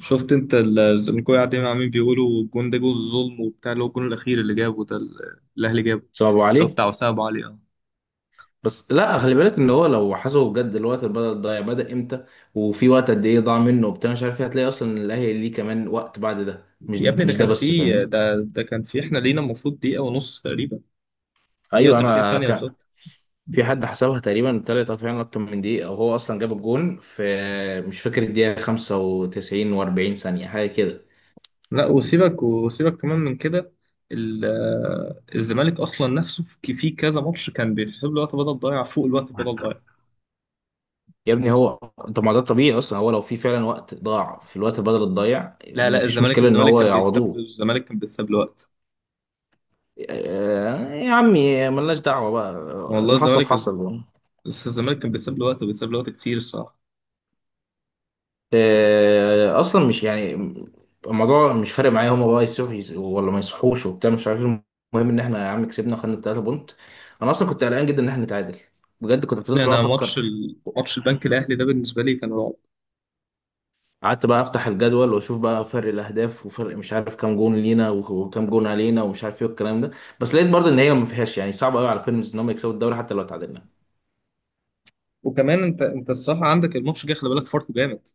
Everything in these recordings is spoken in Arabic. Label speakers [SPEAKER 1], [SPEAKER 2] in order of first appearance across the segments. [SPEAKER 1] شفت انت ان كل قاعدين عمالين بيقولوا الجون ده جزء ظلم وبتاع اللي هو الجون الاخير اللي جابه ده الاهلي جابه.
[SPEAKER 2] صعبوا
[SPEAKER 1] اللي هو
[SPEAKER 2] عليه.
[SPEAKER 1] بتاع وسام ابو علي اه.
[SPEAKER 2] بس لا، خلي بالك ان هو لو حسبه بجد، الوقت اللي بدأ ضايع بدأ امتى وفي وقت قد ايه ضاع منه وبتاع مش عارف ايه، هتلاقي اصلا إن الاهلي ليه كمان وقت بعد ده. مش
[SPEAKER 1] يا ابني ده
[SPEAKER 2] مش ده
[SPEAKER 1] كان
[SPEAKER 2] بس،
[SPEAKER 1] في
[SPEAKER 2] فاهمني؟
[SPEAKER 1] ده كان في احنا لينا المفروض دقيقه ونص تقريبا. دقيقه
[SPEAKER 2] ايوه
[SPEAKER 1] و30
[SPEAKER 2] انا
[SPEAKER 1] ثانيه
[SPEAKER 2] ك...
[SPEAKER 1] بالظبط.
[SPEAKER 2] في حد حسبها تقريبا طلعت فعلا اكتر من دقيقه، او هو اصلا جاب الجون في، مش فاكر، الدقيقه 95 و40 ثانيه، حاجه كده.
[SPEAKER 1] لا، وسيبك كمان من كده. الزمالك اصلا نفسه في كذا ماتش كان بيتحسب له وقت بدل ضايع فوق الوقت بدل ضايع.
[SPEAKER 2] يا ابني هو، طب ما ده الطبيعي اصلا. هو لو في فعلا وقت ضاع في الوقت بدل الضايع،
[SPEAKER 1] لا،
[SPEAKER 2] مفيش
[SPEAKER 1] الزمالك
[SPEAKER 2] مشكله ان
[SPEAKER 1] الزمالك
[SPEAKER 2] هو
[SPEAKER 1] كان بيتساب له،
[SPEAKER 2] يعوضوه.
[SPEAKER 1] الزمالك كان بيتساب له وقت.
[SPEAKER 2] يا عمي، ملناش دعوة بقى،
[SPEAKER 1] والله
[SPEAKER 2] اللي حصل
[SPEAKER 1] الزمالك،
[SPEAKER 2] حصل.
[SPEAKER 1] الزمالك كان بيتساب له وقت وبيتساب له وقت كتير الصراحه.
[SPEAKER 2] أصلا مش يعني الموضوع مش فارق معايا. هما بقى يصحوا ولا ما يصحوش وبتاع مش عارف إيه، المهم إن إحنا يا عم كسبنا، خدنا التلاتة بونت. أنا أصلا كنت قلقان جدا إن إحنا نتعادل، بجد. كنت
[SPEAKER 1] يعني
[SPEAKER 2] فضلت بقى
[SPEAKER 1] انا
[SPEAKER 2] أفكر،
[SPEAKER 1] ماتش البنك الاهلي ده بالنسبه لي كان رعب.
[SPEAKER 2] قعدت بقى أفتح الجدول وأشوف بقى فرق الأهداف، وفرق مش عارف كام جون لينا وكام جون علينا ومش عارف إيه والكلام ده. بس لقيت برضه إن هي ما فيهاش، يعني صعب قوي على بيراميدز إن هم يكسبوا الدوري حتى لو تعادلنا.
[SPEAKER 1] وكمان انت الصراحه عندك الماتش جه، خلي بالك فاركو جامد.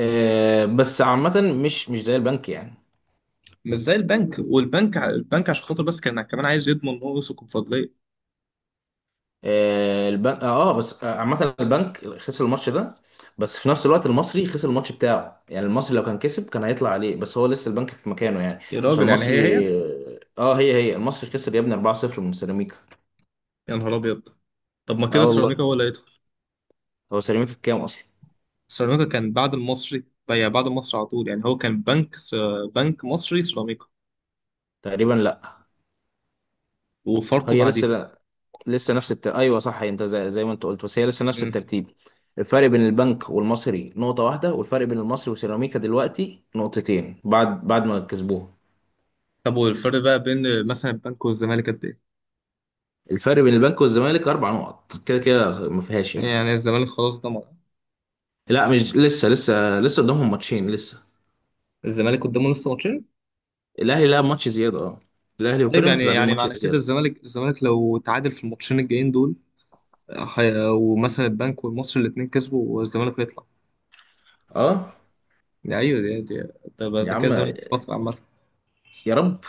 [SPEAKER 2] بس عامة مش زي البنك يعني.
[SPEAKER 1] مش زي البنك، والبنك البنك عشان خاطر بس كان كمان عايز يضمن ان هو يوصل الكونفدراليه.
[SPEAKER 2] آه، البنك اه آه، بس آه، عامة البنك خسر الماتش ده، بس في نفس الوقت المصري خسر الماتش بتاعه. يعني المصري لو كان كسب كان هيطلع عليه، بس هو لسه البنك في مكانه يعني.
[SPEAKER 1] يا
[SPEAKER 2] عشان
[SPEAKER 1] راجل يعني هي هي.
[SPEAKER 2] المصري هي هي، المصري خسر يا ابني 4-0 من سيراميكا.
[SPEAKER 1] يا نهار ابيض. طب ما
[SPEAKER 2] اه
[SPEAKER 1] كده سيراميكا
[SPEAKER 2] والله.
[SPEAKER 1] هو اللي هيدخل.
[SPEAKER 2] هو سيراميكا كام اصلا؟
[SPEAKER 1] سيراميكا كان بعد المصري، يعني بعد المصري على طول. يعني هو كان بنك مصري سيراميكا
[SPEAKER 2] تقريبا، لا،
[SPEAKER 1] وفاركو
[SPEAKER 2] هي لسه
[SPEAKER 1] بعديهم.
[SPEAKER 2] لا. ايوه صح، زي ما انت قلت، بس هي لسه نفس
[SPEAKER 1] مم.
[SPEAKER 2] الترتيب. الفرق بين البنك والمصري نقطة واحدة، والفرق بين المصري وسيراميكا دلوقتي نقطتين، بعد ما كسبوه.
[SPEAKER 1] طب والفرق بقى بين مثلا البنك والزمالك قد ايه؟
[SPEAKER 2] الفرق بين البنك والزمالك اربع نقط، كده كده ما فيهاش يعني.
[SPEAKER 1] يعني الزمالك خلاص ضمن.
[SPEAKER 2] لا مش لسه قدامهم ماتشين لسه.
[SPEAKER 1] الزمالك قدامه لسه ماتشين.
[SPEAKER 2] الاهلي لعب ماتش زياده، اه، الاهلي
[SPEAKER 1] طيب يعني
[SPEAKER 2] وبيراميدز لاعبين
[SPEAKER 1] يعني
[SPEAKER 2] ماتش
[SPEAKER 1] معنى كده
[SPEAKER 2] زياده.
[SPEAKER 1] الزمالك، الزمالك لو تعادل في الماتشين الجايين دول، ومثلا البنك والمصري الاثنين كسبوا، والزمالك يطلع.
[SPEAKER 2] اه.
[SPEAKER 1] ايوه دي، ده
[SPEAKER 2] يا
[SPEAKER 1] ده كده
[SPEAKER 2] عم،
[SPEAKER 1] الزمالك في فتره عامه.
[SPEAKER 2] يا رب.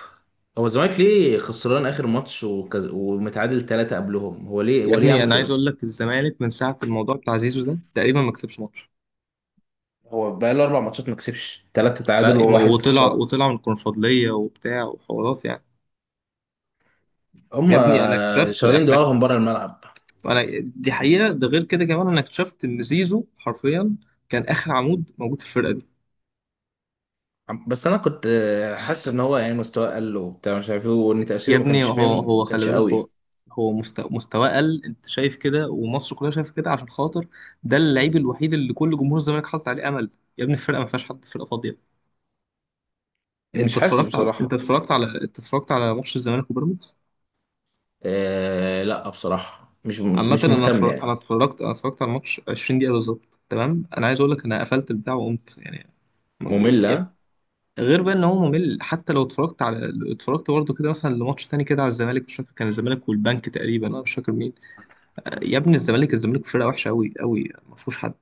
[SPEAKER 2] هو الزمالك ليه خسران اخر ماتش ومتعادل ثلاثه قبلهم؟ هو ليه
[SPEAKER 1] يا
[SPEAKER 2] هو ليه
[SPEAKER 1] ابني
[SPEAKER 2] يعمل
[SPEAKER 1] انا عايز
[SPEAKER 2] كده؟
[SPEAKER 1] اقول لك الزمالك من ساعه الموضوع بتاع زيزو ده تقريبا ما كسبش ماتش.
[SPEAKER 2] هو بقى له اربع ماتشات ما كسبش، ثلاثه تعادل
[SPEAKER 1] بقى
[SPEAKER 2] وواحد
[SPEAKER 1] وطلع،
[SPEAKER 2] خساره.
[SPEAKER 1] وطلع من الكونفدراليه وبتاع وحوارات يعني.
[SPEAKER 2] هم
[SPEAKER 1] يا ابني انا اكتشفت
[SPEAKER 2] شغالين
[SPEAKER 1] احنا.
[SPEAKER 2] دماغهم بره الملعب.
[SPEAKER 1] انا دي حقيقه، ده غير كده كمان، انا اكتشفت ان زيزو حرفيا كان اخر عمود موجود في الفرقه دي.
[SPEAKER 2] بس انا كنت حاسس ان هو يعني مستواه قل وبتاع مش عارف ايه، وان
[SPEAKER 1] يا
[SPEAKER 2] تاثيره ما
[SPEAKER 1] ابني
[SPEAKER 2] كانش،
[SPEAKER 1] هو
[SPEAKER 2] فاهم،
[SPEAKER 1] هو
[SPEAKER 2] ما
[SPEAKER 1] خلي
[SPEAKER 2] كانش
[SPEAKER 1] بالك
[SPEAKER 2] قوي.
[SPEAKER 1] هو هو مستواه قل، انت شايف كده ومصر كلها شايفه كده، عشان خاطر ده اللعيب الوحيد اللي كل جمهور الزمالك حاطط عليه امل. يا ابني الفرقه ما فيهاش حد، فرقه فاضيه.
[SPEAKER 2] مش حاسس بصراحه.
[SPEAKER 1] انت اتفرجت على ماتش الزمالك وبيراميدز؟
[SPEAKER 2] آه لا، بصراحة مش
[SPEAKER 1] عامه
[SPEAKER 2] مش مهتم يعني.
[SPEAKER 1] انا اتفرجت على الماتش 20 دقيقه بالظبط. تمام، انا عايز اقول لك انا قفلت البتاع وقمت يعني.
[SPEAKER 2] مملة.
[SPEAKER 1] غير بقى ان هو ممل، حتى لو اتفرجت برضه كده مثلا لماتش تاني كده على الزمالك، مش فاكر كان الزمالك والبنك تقريبا، انا مش فاكر مين. يا ابني الزمالك، الزمالك فرقه وحشه قوي قوي، ما فيهوش حد.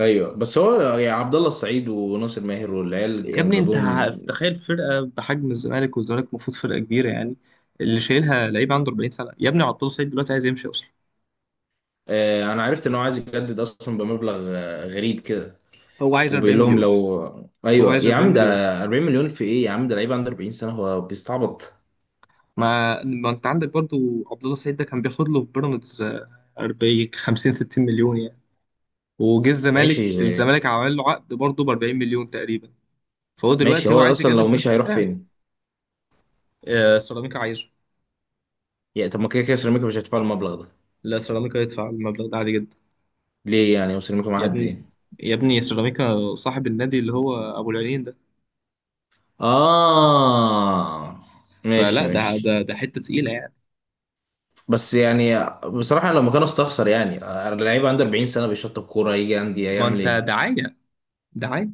[SPEAKER 2] ايوه، بس هو يعني عبد الله السعيد وناصر ماهر والعيال اللي
[SPEAKER 1] يا
[SPEAKER 2] كان
[SPEAKER 1] ابني انت
[SPEAKER 2] جابوهم.
[SPEAKER 1] تخيل فرقه بحجم الزمالك، والزمالك المفروض فرقه كبيره يعني، اللي شايلها لعيب عنده 40 سنه. يا ابني عطله سعيد دلوقتي عايز يمشي اصلا.
[SPEAKER 2] آه، انا عرفت ان هو عايز يجدد اصلا بمبلغ غريب كده.
[SPEAKER 1] هو عايز 40
[SPEAKER 2] وبيقول لهم
[SPEAKER 1] مليون،
[SPEAKER 2] لو،
[SPEAKER 1] هو
[SPEAKER 2] ايوه
[SPEAKER 1] عايز
[SPEAKER 2] يا
[SPEAKER 1] 40
[SPEAKER 2] عم ده.
[SPEAKER 1] مليون.
[SPEAKER 2] 40 مليون في ايه يا عم؟ ده لعيب عنده 40 سنة، هو بيستعبط.
[SPEAKER 1] ما انت عندك برضو عبد الله سعيد ده، كان بياخد له في بيراميدز 40 50 60 مليون يعني. وجه
[SPEAKER 2] ماشي
[SPEAKER 1] الزمالك، الزمالك عمل له عقد برضه ب 40 مليون تقريبا، فهو
[SPEAKER 2] ماشي،
[SPEAKER 1] دلوقتي هو
[SPEAKER 2] هو
[SPEAKER 1] عايز
[SPEAKER 2] اصلا لو
[SPEAKER 1] يجدد
[SPEAKER 2] مشي
[SPEAKER 1] بنفس
[SPEAKER 2] هيروح
[SPEAKER 1] السعر.
[SPEAKER 2] فين؟
[SPEAKER 1] سيراميكا عايزه.
[SPEAKER 2] يعني طب ما كده كده سيراميكا مش هتدفع المبلغ ده.
[SPEAKER 1] لا سيراميكا يدفع المبلغ ده عادي جدا.
[SPEAKER 2] ليه يعني؟ وسيراميكا معاها
[SPEAKER 1] يا
[SPEAKER 2] قد
[SPEAKER 1] ابني،
[SPEAKER 2] ايه؟
[SPEAKER 1] يا ابني سيراميكا صاحب النادي اللي هو ابو العينين ده،
[SPEAKER 2] اه، ماشي
[SPEAKER 1] فلا ده
[SPEAKER 2] ماشي.
[SPEAKER 1] ده ده حته تقيله يعني.
[SPEAKER 2] بس يعني بصراحة لو مكانه استخسر يعني. اللعيب عنده 40 سنة، بيشطب كورة، يجي عندي
[SPEAKER 1] ما
[SPEAKER 2] هيعمل
[SPEAKER 1] انت
[SPEAKER 2] ايه؟
[SPEAKER 1] دعايه، دعايه.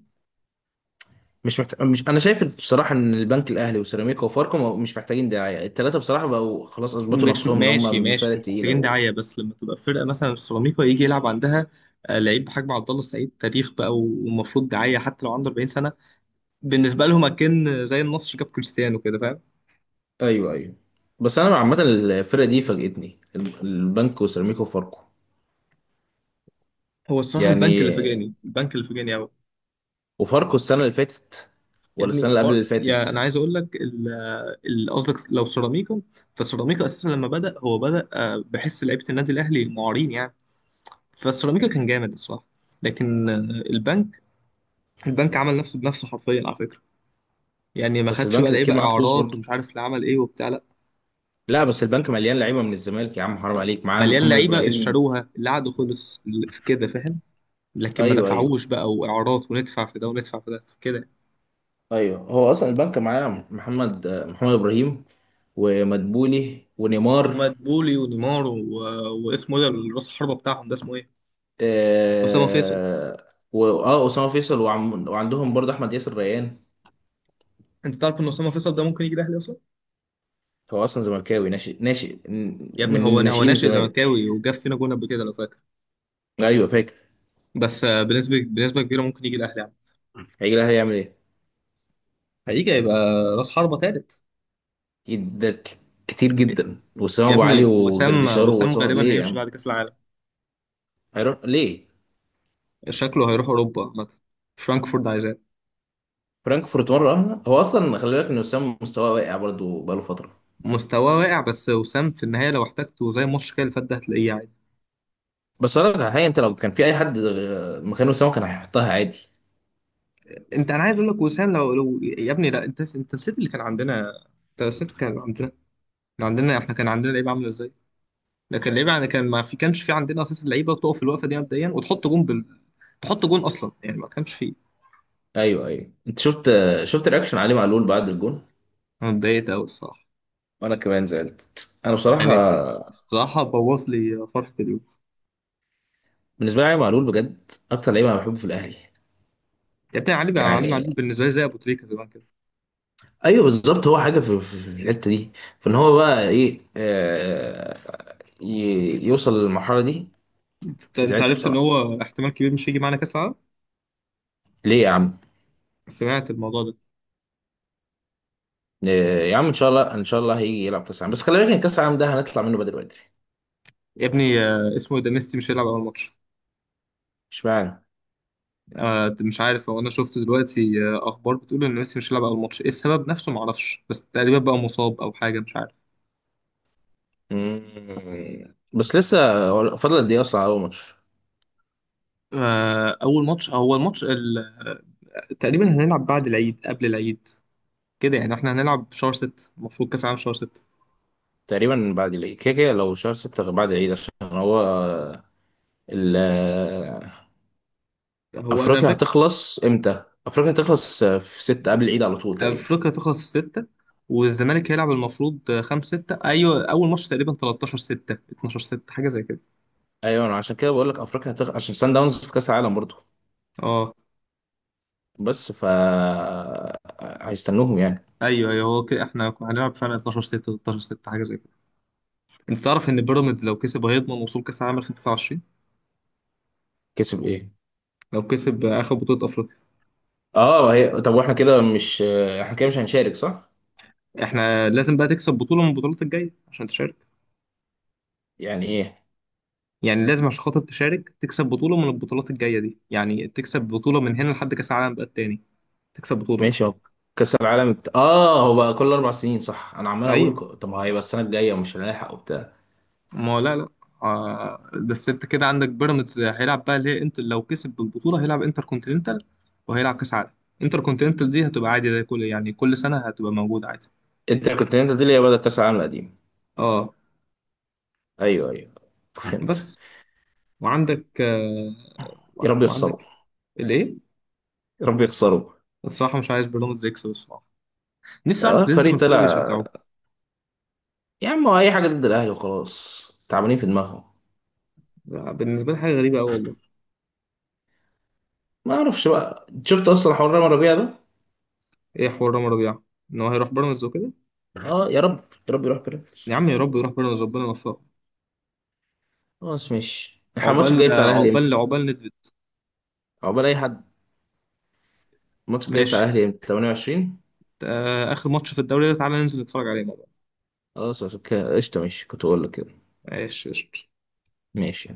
[SPEAKER 2] مش محتاج، مش، انا شايف بصراحة ان البنك الاهلي وسيراميكا وفاركو مش محتاجين دعاية التلاتة، بصراحة بقوا خلاص اثبتوا
[SPEAKER 1] مش
[SPEAKER 2] نفسهم ان هم
[SPEAKER 1] ماشي
[SPEAKER 2] من الفرق
[SPEAKER 1] ماشي مش
[SPEAKER 2] التقيلة
[SPEAKER 1] محتاجين
[SPEAKER 2] و...
[SPEAKER 1] دعايه، بس لما تبقى فرقه مثلا سيراميكا يجي يلعب عندها لعيب بحجم عبد الله السعيد، تاريخ بقى ومفروض دعايه حتى لو عنده 40 سنه. بالنسبه لهم اكن زي النصر جاب كريستيانو كده، فاهم.
[SPEAKER 2] ايوه ايوه. بس انا عامة الفرقة دي فاجئتني، البنك وسيراميكا وفاركو
[SPEAKER 1] هو الصراحه البنك اللي
[SPEAKER 2] يعني.
[SPEAKER 1] فاجئني، البنك اللي فاجئني قوي.
[SPEAKER 2] وفاركو السنة اللي فاتت،
[SPEAKER 1] يا
[SPEAKER 2] ولا
[SPEAKER 1] ابني
[SPEAKER 2] السنة اللي قبل اللي
[SPEAKER 1] يا انا
[SPEAKER 2] فاتت.
[SPEAKER 1] عايز اقول لك قصدك لو سيراميكا، فسيراميكا اساسا لما بدأ هو بدأ بحس لعيبه النادي الاهلي المعارين يعني، فالسيراميكا كان جامد الصراحه. لكن البنك، البنك عمل نفسه بنفسه حرفيا على فكره. يعني ما
[SPEAKER 2] بس
[SPEAKER 1] خدش بقى
[SPEAKER 2] البنك
[SPEAKER 1] لعيبه
[SPEAKER 2] اكيد معاه فلوس
[SPEAKER 1] اعارات
[SPEAKER 2] برضه.
[SPEAKER 1] ومش عارف اللي عمل ايه وبتاع، لا.
[SPEAKER 2] لا بس البنك مليان لعيبة من الزمالك، يا عم حرام عليك، معاه
[SPEAKER 1] مليان
[SPEAKER 2] محمد
[SPEAKER 1] لعيبه
[SPEAKER 2] ابراهيم
[SPEAKER 1] اشتروها اللي قعدوا
[SPEAKER 2] و...
[SPEAKER 1] خلص اللي في كده فاهم، لكن ما
[SPEAKER 2] ايوه ايوه.
[SPEAKER 1] دفعوش بقى واعارات وندفع في ده وندفع في ده كده.
[SPEAKER 2] ايوه هو اصلا البنك معاه محمد ابراهيم، ومدبولي ونيمار.
[SPEAKER 1] ومدبولي ونيمار و... واسمه ايه ده راس الحربه بتاعهم ده، اسمه ايه؟ اسامه فيصل.
[SPEAKER 2] اسامه فيصل، وعم وعندهم برضه احمد ياسر ريان.
[SPEAKER 1] انت تعرف ان اسامه فيصل ده ممكن يجي الاهلي اصلا؟
[SPEAKER 2] هو اصلا زملكاوي، ناشئ ناشئ،
[SPEAKER 1] يا ابني هو
[SPEAKER 2] من
[SPEAKER 1] هو
[SPEAKER 2] ناشئين
[SPEAKER 1] ناشئ
[SPEAKER 2] الزمالك.
[SPEAKER 1] زملكاوي وجاب فينا جون قبل كده لو فاكر.
[SPEAKER 2] ايوه فاكر.
[SPEAKER 1] بس بنسبه، بنسبه كبيره ممكن يجي الاهلي يعني.
[SPEAKER 2] هيجي لها هيعمل ايه؟
[SPEAKER 1] هيجي هيبقى راس حربة ثالث.
[SPEAKER 2] أكيد ده كتير جدا، وسام
[SPEAKER 1] يا
[SPEAKER 2] ابو
[SPEAKER 1] ابني
[SPEAKER 2] علي
[SPEAKER 1] وسام،
[SPEAKER 2] وجردشار،
[SPEAKER 1] وسام
[SPEAKER 2] وسام
[SPEAKER 1] غالبا
[SPEAKER 2] ليه يا
[SPEAKER 1] هيمشي
[SPEAKER 2] عم؟
[SPEAKER 1] بعد كاس العالم.
[SPEAKER 2] هيروح ليه؟
[SPEAKER 1] شكله هيروح اوروبا مثلا، فرانكفورت عايزاه.
[SPEAKER 2] فرانكفورت مره واحده؟ هو اصلا خلي بالك ان وسام مستواه واقع برضه بقاله فتره.
[SPEAKER 1] مستواه واقع، بس وسام في النهايه لو احتاجته زي الماتش كده اللي فات ده هتلاقيه عادي.
[SPEAKER 2] بس انا الحقيقه، انت لو كان في اي حد مكان وسام كان هيحطها عادي.
[SPEAKER 1] انت، انا عايز اقول لك وسام لو, لو يا ابني، لا انت نسيت اللي كان عندنا. انت نسيت كان عندنا، كان عندنا احنا كان عندنا لعيب عامل ازاي. لكن اللعيبه يعني ما كانش في عندنا اساسا لعيبه تقف في الوقفه دي مبدئيا تحط جون اصلا يعني ما كانش فيه.
[SPEAKER 2] ايوه ايوه، انت شفت، شفت رياكشن علي معلول بعد الجون؟
[SPEAKER 1] انا اتضايقت قوي الصراحه.
[SPEAKER 2] وانا كمان زعلت انا، بصراحه.
[SPEAKER 1] يعني الصراحه بوظ لي فرحه اليوم.
[SPEAKER 2] بالنسبه لي علي معلول بجد اكتر لعيب انا بحبه في الاهلي.
[SPEAKER 1] يعني بتاع علي، علي
[SPEAKER 2] يعني،
[SPEAKER 1] معلول بالنسبه لي زي ابو تريكه زمان كده.
[SPEAKER 2] ايوه بالظبط، هو حاجه في الحته دي، فان هو بقى ايه، آه، يوصل للمرحله دي.
[SPEAKER 1] انت
[SPEAKER 2] زعلت
[SPEAKER 1] عرفت ان
[SPEAKER 2] بصراحه.
[SPEAKER 1] هو احتمال كبير مش هيجي معانا كاس العالم؟
[SPEAKER 2] ليه يا عم؟
[SPEAKER 1] سمعت الموضوع ده؟
[SPEAKER 2] يا عم ان شاء الله، ان شاء الله هيجي يلعب كاس العالم، بس خلي بالك ان كاس العالم ده هنطلع منه بدري بدري.
[SPEAKER 1] يا ابني اسمه إيه ده ميسي مش هيلعب اول ماتش.
[SPEAKER 2] اشمعنى؟
[SPEAKER 1] مش عارف هو، انا شفت دلوقتي اخبار بتقول ان ميسي مش هيلعب اول ماتش، ايه السبب نفسه ما اعرفش، بس تقريبا بقى مصاب او حاجه مش عارف.
[SPEAKER 2] مم. بس لسه هو فاضل قد ايه اصلا على اول ماتش؟
[SPEAKER 1] اول ماتش، اول ماتش تقريبا هنلعب بعد العيد، قبل العيد كده يعني. احنا هنلعب شهر ستة، المفروض كأس العالم شهر ستة.
[SPEAKER 2] تقريبا بعد العيد كده كده، لو شهر ستة غير بعد العيد، عشان هو ال- آه،
[SPEAKER 1] هو انا
[SPEAKER 2] أفريقيا
[SPEAKER 1] فاكر
[SPEAKER 2] هتخلص إمتى؟ أفريقيا هتخلص في ستة، قبل العيد على طول تقريبا.
[SPEAKER 1] افريقيا تخلص في ستة، والزمالك هيلعب المفروض خمسة ستة، ايوه اول ماتش تقريبا 13 ستة 12 ستة حاجة زي كده.
[SPEAKER 2] أيوة أنا عشان كده بقول لك أفريقيا هتخلص، عشان سان داونز في كأس العالم برضه.
[SPEAKER 1] اه
[SPEAKER 2] بس ف، هيستنوهم يعني.
[SPEAKER 1] ايوه ايوه، هو كده احنا هنلعب فعلا 12 6 13 6 حاجه زي كده. انت تعرف ان بيراميدز لو كسب هيضمن وصول كاس العالم 2023؟
[SPEAKER 2] كسب إيه؟
[SPEAKER 1] لو كسب اخر بطوله افريقيا.
[SPEAKER 2] أه، هي طب وإحنا كده مش، إحنا كده مش هنشارك صح؟
[SPEAKER 1] احنا لازم بقى تكسب بطوله من البطولات الجايه عشان تشارك.
[SPEAKER 2] يعني إيه؟
[SPEAKER 1] يعني لازم عشان خاطر تشارك تكسب بطولة من البطولات الجاية دي، يعني تكسب بطولة من هنا لحد كأس العالم بقى التاني، تكسب بطولة.
[SPEAKER 2] ماشي. هو كأس العالم بت... آه هو بقى كل أربع سنين صح؟ أنا عمال أقول
[SPEAKER 1] أيوة.
[SPEAKER 2] طب ما هيبقى السنة الجاية ومش هنلحق وبتاع.
[SPEAKER 1] ما هو لا لا، آه بس أنت كده عندك بيراميدز هيلعب بقى، ليه؟ أنت لو كسب البطولة هيلعب انتر كونتيننتال وهيلعب كأس عالم. انتر كونتيننتال دي هتبقى عادي زي كل يعني كل سنة هتبقى موجودة عادي.
[SPEAKER 2] أنت كنت، أنت دي اللي هي بدأت كأس العالم القديم.
[SPEAKER 1] اه
[SPEAKER 2] ايوه ايوه، فهمت.
[SPEAKER 1] بس. وعندك آه،
[SPEAKER 2] يا رب يخسروا.
[SPEAKER 1] وعندك الايه.
[SPEAKER 2] يا رب يخسروا.
[SPEAKER 1] الصراحة مش عايز بيراميدز يكسب الصراحة. نفسي
[SPEAKER 2] اه،
[SPEAKER 1] أعرف ليه
[SPEAKER 2] فريق
[SPEAKER 1] الزملكاويه
[SPEAKER 2] طلع.
[SPEAKER 1] بيشجعوه.
[SPEAKER 2] يا عم هو اي حاجه ضد الاهلي وخلاص، تعبانين في دماغهم.
[SPEAKER 1] بالنسبة لي حاجة غريبة أوي والله.
[SPEAKER 2] ما اعرفش بقى، شفت اصلا حوار رامي ربيع ده؟
[SPEAKER 1] ايه حوار رامي ربيعة؟ ان هو هيروح بيراميدز وكده.
[SPEAKER 2] اه، يا رب، يا رب يروح
[SPEAKER 1] يا
[SPEAKER 2] بيراميدز.
[SPEAKER 1] عم يا رب يروح بيراميدز، ربنا يوفقه.
[SPEAKER 2] خلاص ماشي، احنا الماتش الجاي
[SPEAKER 1] عقبال
[SPEAKER 2] بتاع الاهلي
[SPEAKER 1] عقبال
[SPEAKER 2] امتى؟
[SPEAKER 1] عقبال ندفد.
[SPEAKER 2] عقبال اي حد. الماتش الجاي بتاع
[SPEAKER 1] ماشي.
[SPEAKER 2] الاهلي امتى؟ 28؟
[SPEAKER 1] اخر ماتش في الدوري ده تعالى ننزل نتفرج عليه مع بعض.
[SPEAKER 2] خلاص عشان كده قشطه، ماشي، كنت اقول لك كده.
[SPEAKER 1] ماشي قشطة.
[SPEAKER 2] ماشي.